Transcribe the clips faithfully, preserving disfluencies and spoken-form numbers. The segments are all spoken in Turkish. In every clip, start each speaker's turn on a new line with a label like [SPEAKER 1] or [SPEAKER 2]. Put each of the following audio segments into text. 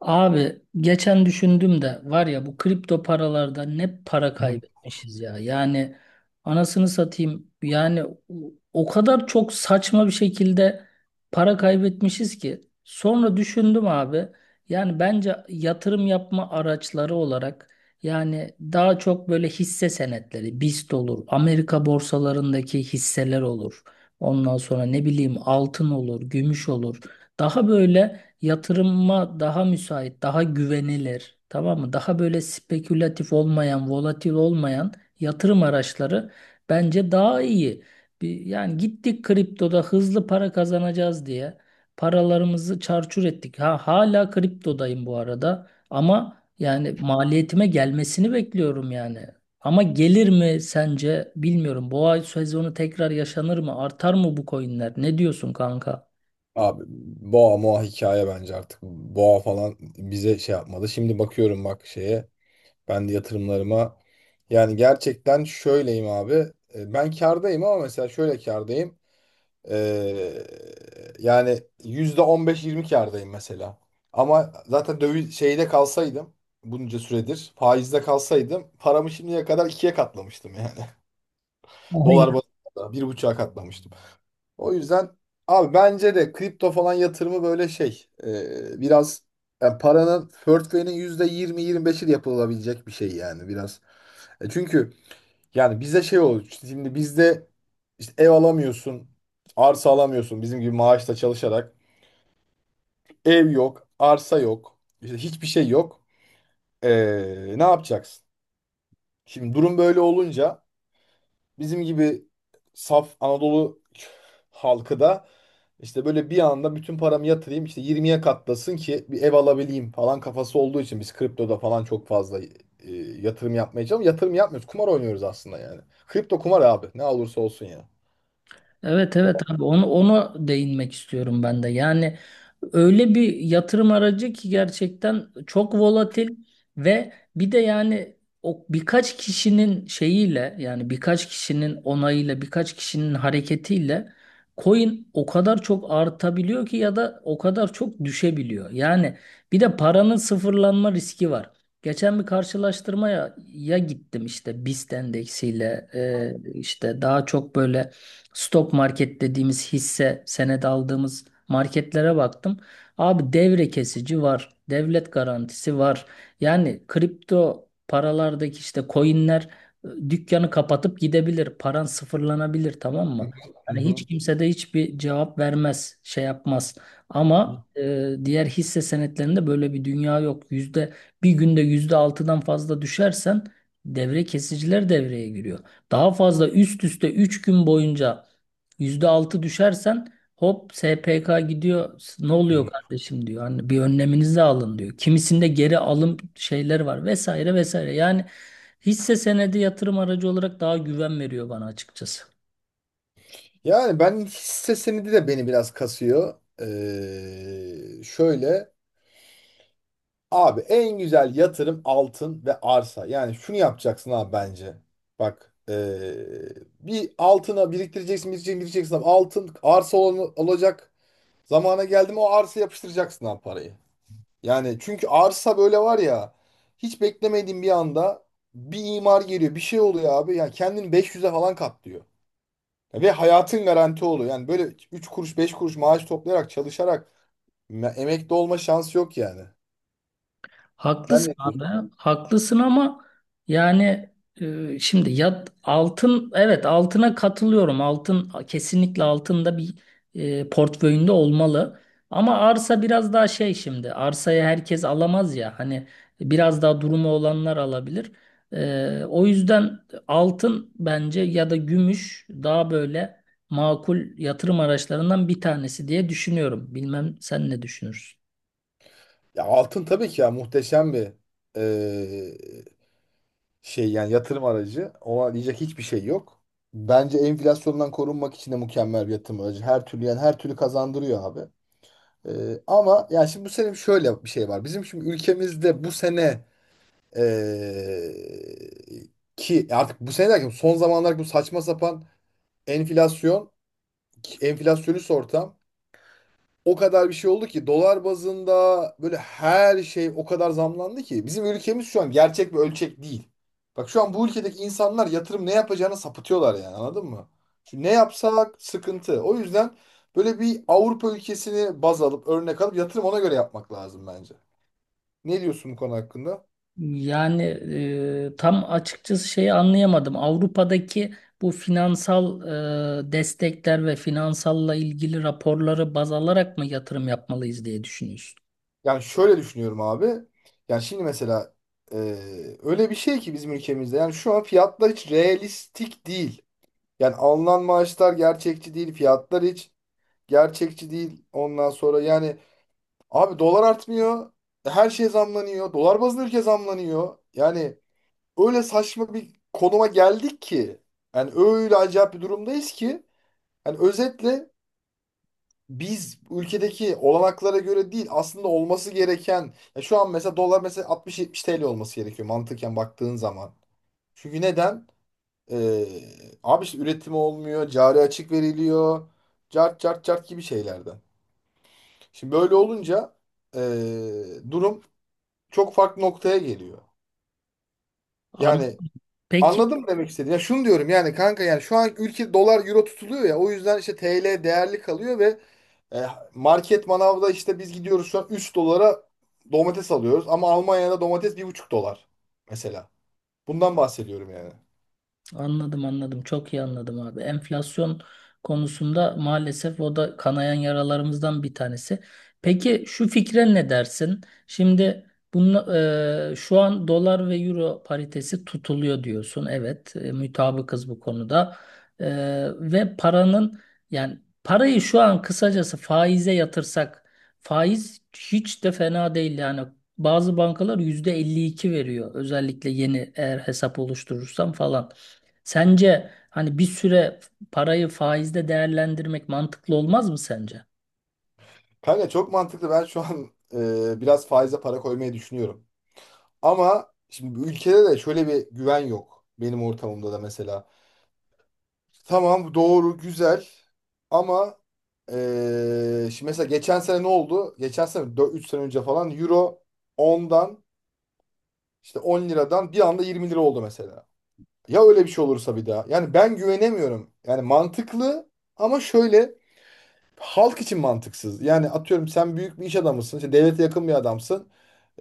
[SPEAKER 1] Abi geçen düşündüm de var ya, bu kripto paralarda ne para
[SPEAKER 2] Hı.
[SPEAKER 1] kaybetmişiz ya. Yani anasını satayım yani o o kadar çok saçma bir şekilde para kaybetmişiz ki. Sonra düşündüm abi, yani bence yatırım yapma araçları olarak, yani daha çok böyle hisse senetleri B I S T olur, Amerika borsalarındaki hisseler olur. Ondan sonra ne bileyim, altın olur, gümüş olur. Daha böyle yatırıma daha müsait, daha güvenilir, tamam mı? Daha böyle spekülatif olmayan, volatil olmayan yatırım araçları bence daha iyi. Bir, yani gittik kriptoda hızlı para kazanacağız diye paralarımızı çarçur ettik. Ha, hala kriptodayım bu arada, ama yani maliyetime gelmesini bekliyorum yani. Ama gelir mi sence bilmiyorum. Boğa sezonu tekrar yaşanır mı? Artar mı bu coinler? Ne diyorsun kanka?
[SPEAKER 2] Abi, boğa moğa hikaye bence artık. Boğa falan bize şey yapmadı. Şimdi bakıyorum bak şeye. Ben de yatırımlarıma. Yani gerçekten şöyleyim abi. E, Ben kârdayım ama mesela şöyle kârdayım. Ee, yani yüzde on beş yirmi kârdayım mesela. Ama zaten döviz şeyde kalsaydım bunca süredir faizde kalsaydım paramı şimdiye kadar ikiye katlamıştım yani. Dolar bazında bir buçuğa katlamıştım. O yüzden abi bence de kripto falan yatırımı böyle şey e, biraz, yani paranın portföyünün yüzde yirmi 25i de yapılabilecek bir şey yani, biraz. E çünkü yani bize şey olur işte, şimdi bizde işte ev alamıyorsun, arsa alamıyorsun bizim gibi maaşla çalışarak. Ev yok, arsa yok, işte hiçbir şey yok. E, Ne yapacaksın? Şimdi durum böyle olunca bizim gibi saf Anadolu halkı da işte böyle bir anda bütün paramı yatırayım işte yirmiye katlasın ki bir ev alabileyim falan kafası olduğu için biz kriptoda falan çok fazla e, yatırım yapmaya çalışıyoruz. Yatırım yapmıyoruz. Kumar oynuyoruz aslında yani. Kripto kumar abi. Ne olursa olsun ya.
[SPEAKER 1] Evet, evet abi, onu onu değinmek istiyorum ben de. Yani öyle bir yatırım aracı ki gerçekten çok volatil, ve bir de yani o birkaç kişinin şeyiyle, yani birkaç kişinin onayıyla, birkaç kişinin hareketiyle coin o kadar çok artabiliyor ki, ya da o kadar çok düşebiliyor. Yani bir de paranın sıfırlanma riski var. Geçen bir karşılaştırmaya ya gittim, işte B I S T endeksiyle e, işte, daha çok böyle stok market dediğimiz hisse senedi aldığımız marketlere baktım. Abi devre kesici var. Devlet garantisi var. Yani kripto paralardaki işte coinler e, dükkanı kapatıp gidebilir. Paran sıfırlanabilir, tamam mı?
[SPEAKER 2] Hı
[SPEAKER 1] Yani hiç
[SPEAKER 2] hı.
[SPEAKER 1] kimse de hiçbir cevap vermez, şey yapmaz.
[SPEAKER 2] Hı.
[SPEAKER 1] Ama e, diğer hisse senetlerinde böyle bir dünya yok. Yüzde bir günde yüzde altıdan fazla düşersen devre kesiciler devreye giriyor. Daha fazla, üst üste üç gün boyunca yüzde altı düşersen, hop S P K gidiyor. Ne
[SPEAKER 2] Hı.
[SPEAKER 1] oluyor kardeşim diyor. Hani bir önleminizi alın diyor. Kimisinde geri alım şeyler var, vesaire vesaire. Yani hisse senedi yatırım aracı olarak daha güven veriyor bana açıkçası.
[SPEAKER 2] Yani ben hisse senedi de beni biraz kasıyor. Ee, şöyle. Abi, en güzel yatırım altın ve arsa. Yani şunu yapacaksın abi bence. Bak eee, bir altına biriktireceksin, biriktireceksin, biriktireceksin, abi. Altın arsa ol- olacak. Zamana geldi mi o arsa yapıştıracaksın abi parayı. Yani çünkü arsa böyle var ya, hiç beklemediğin bir anda bir imar geliyor, bir şey oluyor abi. Yani kendini beş yüze falan katlıyor. Ve hayatın garanti oluyor. Yani böyle üç kuruş beş kuruş maaş toplayarak çalışarak me- emekli olma şansı yok yani. Sen
[SPEAKER 1] Haklısın
[SPEAKER 2] ne.
[SPEAKER 1] abi, haklısın ama yani e, şimdi ya altın, evet altına katılıyorum. Altın kesinlikle altında bir e, portföyünde olmalı. Ama arsa biraz daha şey şimdi. Arsayı herkes alamaz ya. Hani biraz daha durumu olanlar alabilir. E, o yüzden altın, bence ya da gümüş, daha böyle makul yatırım araçlarından bir tanesi diye düşünüyorum. Bilmem sen ne düşünürsün?
[SPEAKER 2] Ya altın tabii ki, ya muhteşem bir eee, şey yani, yatırım aracı. Ona diyecek hiçbir şey yok. Bence enflasyondan korunmak için de mükemmel bir yatırım aracı. Her türlü yani, her türlü kazandırıyor abi. Eee, ama ya, şimdi bu sene şöyle bir şey var. Bizim şimdi ülkemizde bu sene eee, ki artık bu sene derken son zamanlar, bu saçma sapan enflasyon, enflasyonist ortam o kadar bir şey oldu ki dolar bazında böyle her şey o kadar zamlandı ki bizim ülkemiz şu an gerçek bir ölçek değil. Bak şu an bu ülkedeki insanlar yatırım ne yapacağını sapıtıyorlar yani, anladın mı? Şu, ne yapsak sıkıntı. O yüzden böyle bir Avrupa ülkesini baz alıp örnek alıp yatırım ona göre yapmak lazım bence. Ne diyorsun bu konu hakkında?
[SPEAKER 1] Yani e, tam açıkçası şeyi anlayamadım. Avrupa'daki bu finansal e, destekler ve finansalla ilgili raporları baz alarak mı yatırım yapmalıyız diye düşünüyorsun?
[SPEAKER 2] Yani şöyle düşünüyorum abi. Yani şimdi mesela, e, öyle bir şey ki bizim ülkemizde, yani şu an fiyatlar hiç realistik değil. Yani alınan maaşlar gerçekçi değil. Fiyatlar hiç gerçekçi değil. Ondan sonra yani abi, dolar artmıyor. Her şey zamlanıyor. Dolar bazlı ülke zamlanıyor. Yani öyle saçma bir konuma geldik ki. Yani öyle acayip bir durumdayız ki. Yani özetle biz ülkedeki olanaklara göre değil, aslında olması gereken. Ya, şu an mesela dolar mesela altmış yetmiş T L olması gerekiyor mantıken baktığın zaman. Çünkü neden? Ee, abi işte üretimi olmuyor, cari açık veriliyor, cart cart cart gibi şeylerden. Şimdi böyle olunca ee, durum çok farklı noktaya geliyor.
[SPEAKER 1] An-
[SPEAKER 2] Yani
[SPEAKER 1] Peki.
[SPEAKER 2] anladım demek istediğim. Ya şunu diyorum yani kanka, yani şu an ülke dolar euro tutuluyor ya, o yüzden işte T L değerli kalıyor ve e, market manavda işte biz gidiyoruz şu an üç dolara domates alıyoruz ama Almanya'da domates bir buçuk dolar mesela. Bundan bahsediyorum yani.
[SPEAKER 1] Anladım, anladım. Çok iyi anladım abi. Enflasyon konusunda maalesef o da kanayan yaralarımızdan bir tanesi. Peki şu fikre ne dersin? Şimdi bunu, e, şu an dolar ve euro paritesi tutuluyor diyorsun. Evet, e, mütabıkız bu konuda. E, Ve paranın, yani parayı şu an kısacası faize yatırsak, faiz hiç de fena değil yani. Bazı bankalar yüzde elli iki veriyor. Özellikle yeni eğer hesap oluşturursam falan. Sence hani bir süre parayı faizde değerlendirmek mantıklı olmaz mı sence?
[SPEAKER 2] Kanka çok mantıklı. Ben şu an e, biraz faize para koymayı düşünüyorum. Ama şimdi bu ülkede de şöyle bir güven yok. Benim ortamımda da mesela. Tamam, doğru, güzel, ama e, şimdi mesela geçen sene ne oldu? Geçen sene dört, üç sene önce falan euro ondan işte on liradan bir anda yirmi lira oldu mesela. Ya öyle bir şey olursa bir daha. Yani ben güvenemiyorum. Yani mantıklı ama şöyle, halk için mantıksız. Yani atıyorum, sen büyük bir iş adamısın. İşte devlete yakın bir adamsın.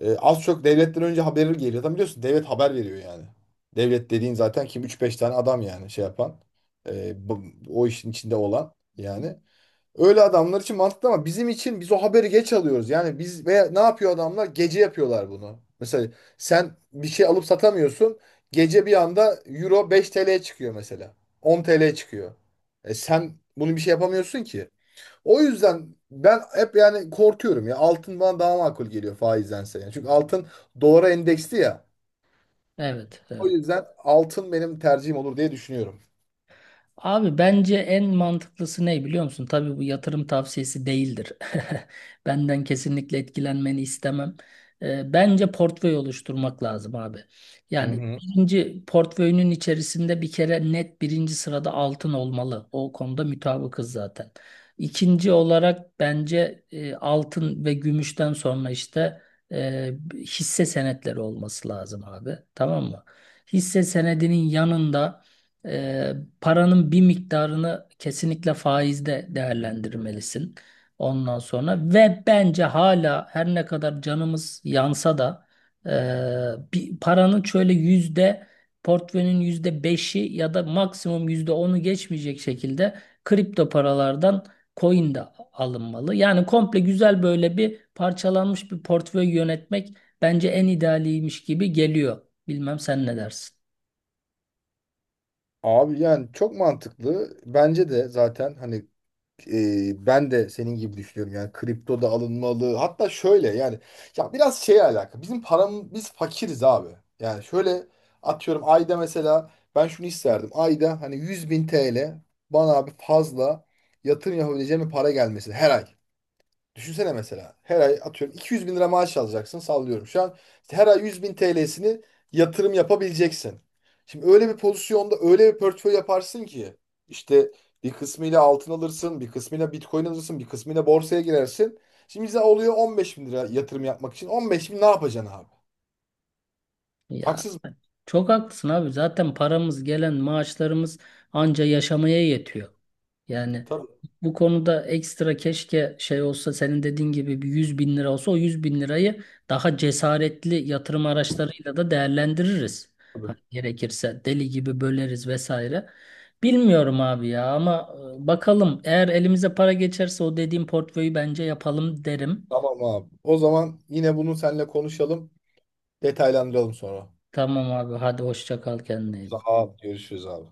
[SPEAKER 2] Ee, az çok devletten önce haberi geliyor. Zaten biliyorsun devlet haber veriyor yani. Devlet dediğin zaten kim, üç beş tane adam yani şey yapan. Ee, bu- O işin içinde olan yani. Öyle adamlar için mantıklı ama bizim için, biz o haberi geç alıyoruz. Yani biz, veya ne yapıyor adamlar? Gece yapıyorlar bunu. Mesela sen bir şey alıp satamıyorsun. Gece bir anda euro beş T L'ye çıkıyor mesela. on T L'ye çıkıyor. E sen bunu bir şey yapamıyorsun ki. O yüzden ben hep yani korkuyorum ya. Altın bana daha makul geliyor faizdense. Yani. Çünkü altın dolara endeksli ya.
[SPEAKER 1] Evet,
[SPEAKER 2] O
[SPEAKER 1] evet.
[SPEAKER 2] yüzden altın benim tercihim olur diye düşünüyorum.
[SPEAKER 1] Abi bence en mantıklısı ne biliyor musun? Tabii bu yatırım tavsiyesi değildir. Benden kesinlikle etkilenmeni istemem. Ee, bence portföy oluşturmak lazım abi.
[SPEAKER 2] Hı
[SPEAKER 1] Yani
[SPEAKER 2] hı.
[SPEAKER 1] birinci portföyünün içerisinde bir kere net birinci sırada altın olmalı. O konuda mutabıkız zaten. İkinci olarak bence e, altın ve gümüşten sonra işte e, hisse senetleri olması lazım abi. Tamam mı? Hisse senedinin yanında... e, paranın bir miktarını kesinlikle faizde değerlendirmelisin. Ondan sonra, ve bence hala her ne kadar canımız yansa da e, bir paranın şöyle yüzde portföyünün yüzde beşi ya da maksimum yüzde onu geçmeyecek şekilde kripto paralardan coin de alınmalı. Yani komple, güzel böyle bir parçalanmış bir portföy yönetmek bence en idealiymiş gibi geliyor. Bilmem sen ne dersin?
[SPEAKER 2] Abi yani çok mantıklı. Bence de zaten, hani e, ben de senin gibi düşünüyorum yani, kripto da alınmalı, hatta şöyle yani, ya biraz şeye alakalı, bizim param, biz fakiriz abi. Yani şöyle, atıyorum ayda mesela, ben şunu isterdim: ayda hani yüz bin T L bana abi, fazla yatırım yapabileceğim bir para gelmesi her ay. Düşünsene mesela, her ay atıyorum iki yüz bin lira maaş alacaksın, sallıyorum. Şu an işte her ay yüz bin T L'sini yatırım yapabileceksin. Şimdi öyle bir pozisyonda öyle bir portföy yaparsın ki işte bir kısmıyla altın alırsın, bir kısmıyla Bitcoin alırsın, bir kısmıyla borsaya girersin. Şimdi bize oluyor on beş bin lira yatırım yapmak için. on beş bin ne yapacaksın abi?
[SPEAKER 1] Ya
[SPEAKER 2] Haksız mı?
[SPEAKER 1] çok haklısın abi. Zaten paramız, gelen maaşlarımız anca yaşamaya yetiyor. Yani
[SPEAKER 2] Tabii.
[SPEAKER 1] bu konuda ekstra keşke şey olsa, senin dediğin gibi bir yüz bin lira olsa, o yüz bin lirayı daha cesaretli yatırım araçlarıyla da değerlendiririz. Hani
[SPEAKER 2] Tabii.
[SPEAKER 1] gerekirse deli gibi böleriz vesaire. Bilmiyorum abi ya, ama e, bakalım, eğer elimize para geçerse o dediğim portföyü bence yapalım derim.
[SPEAKER 2] Tamam abi. O zaman yine bunu seninle konuşalım. Detaylandıralım sonra.
[SPEAKER 1] Tamam abi, hadi hoşça kal, kendine iyi
[SPEAKER 2] Sağ
[SPEAKER 1] bak.
[SPEAKER 2] ol. Görüşürüz abi.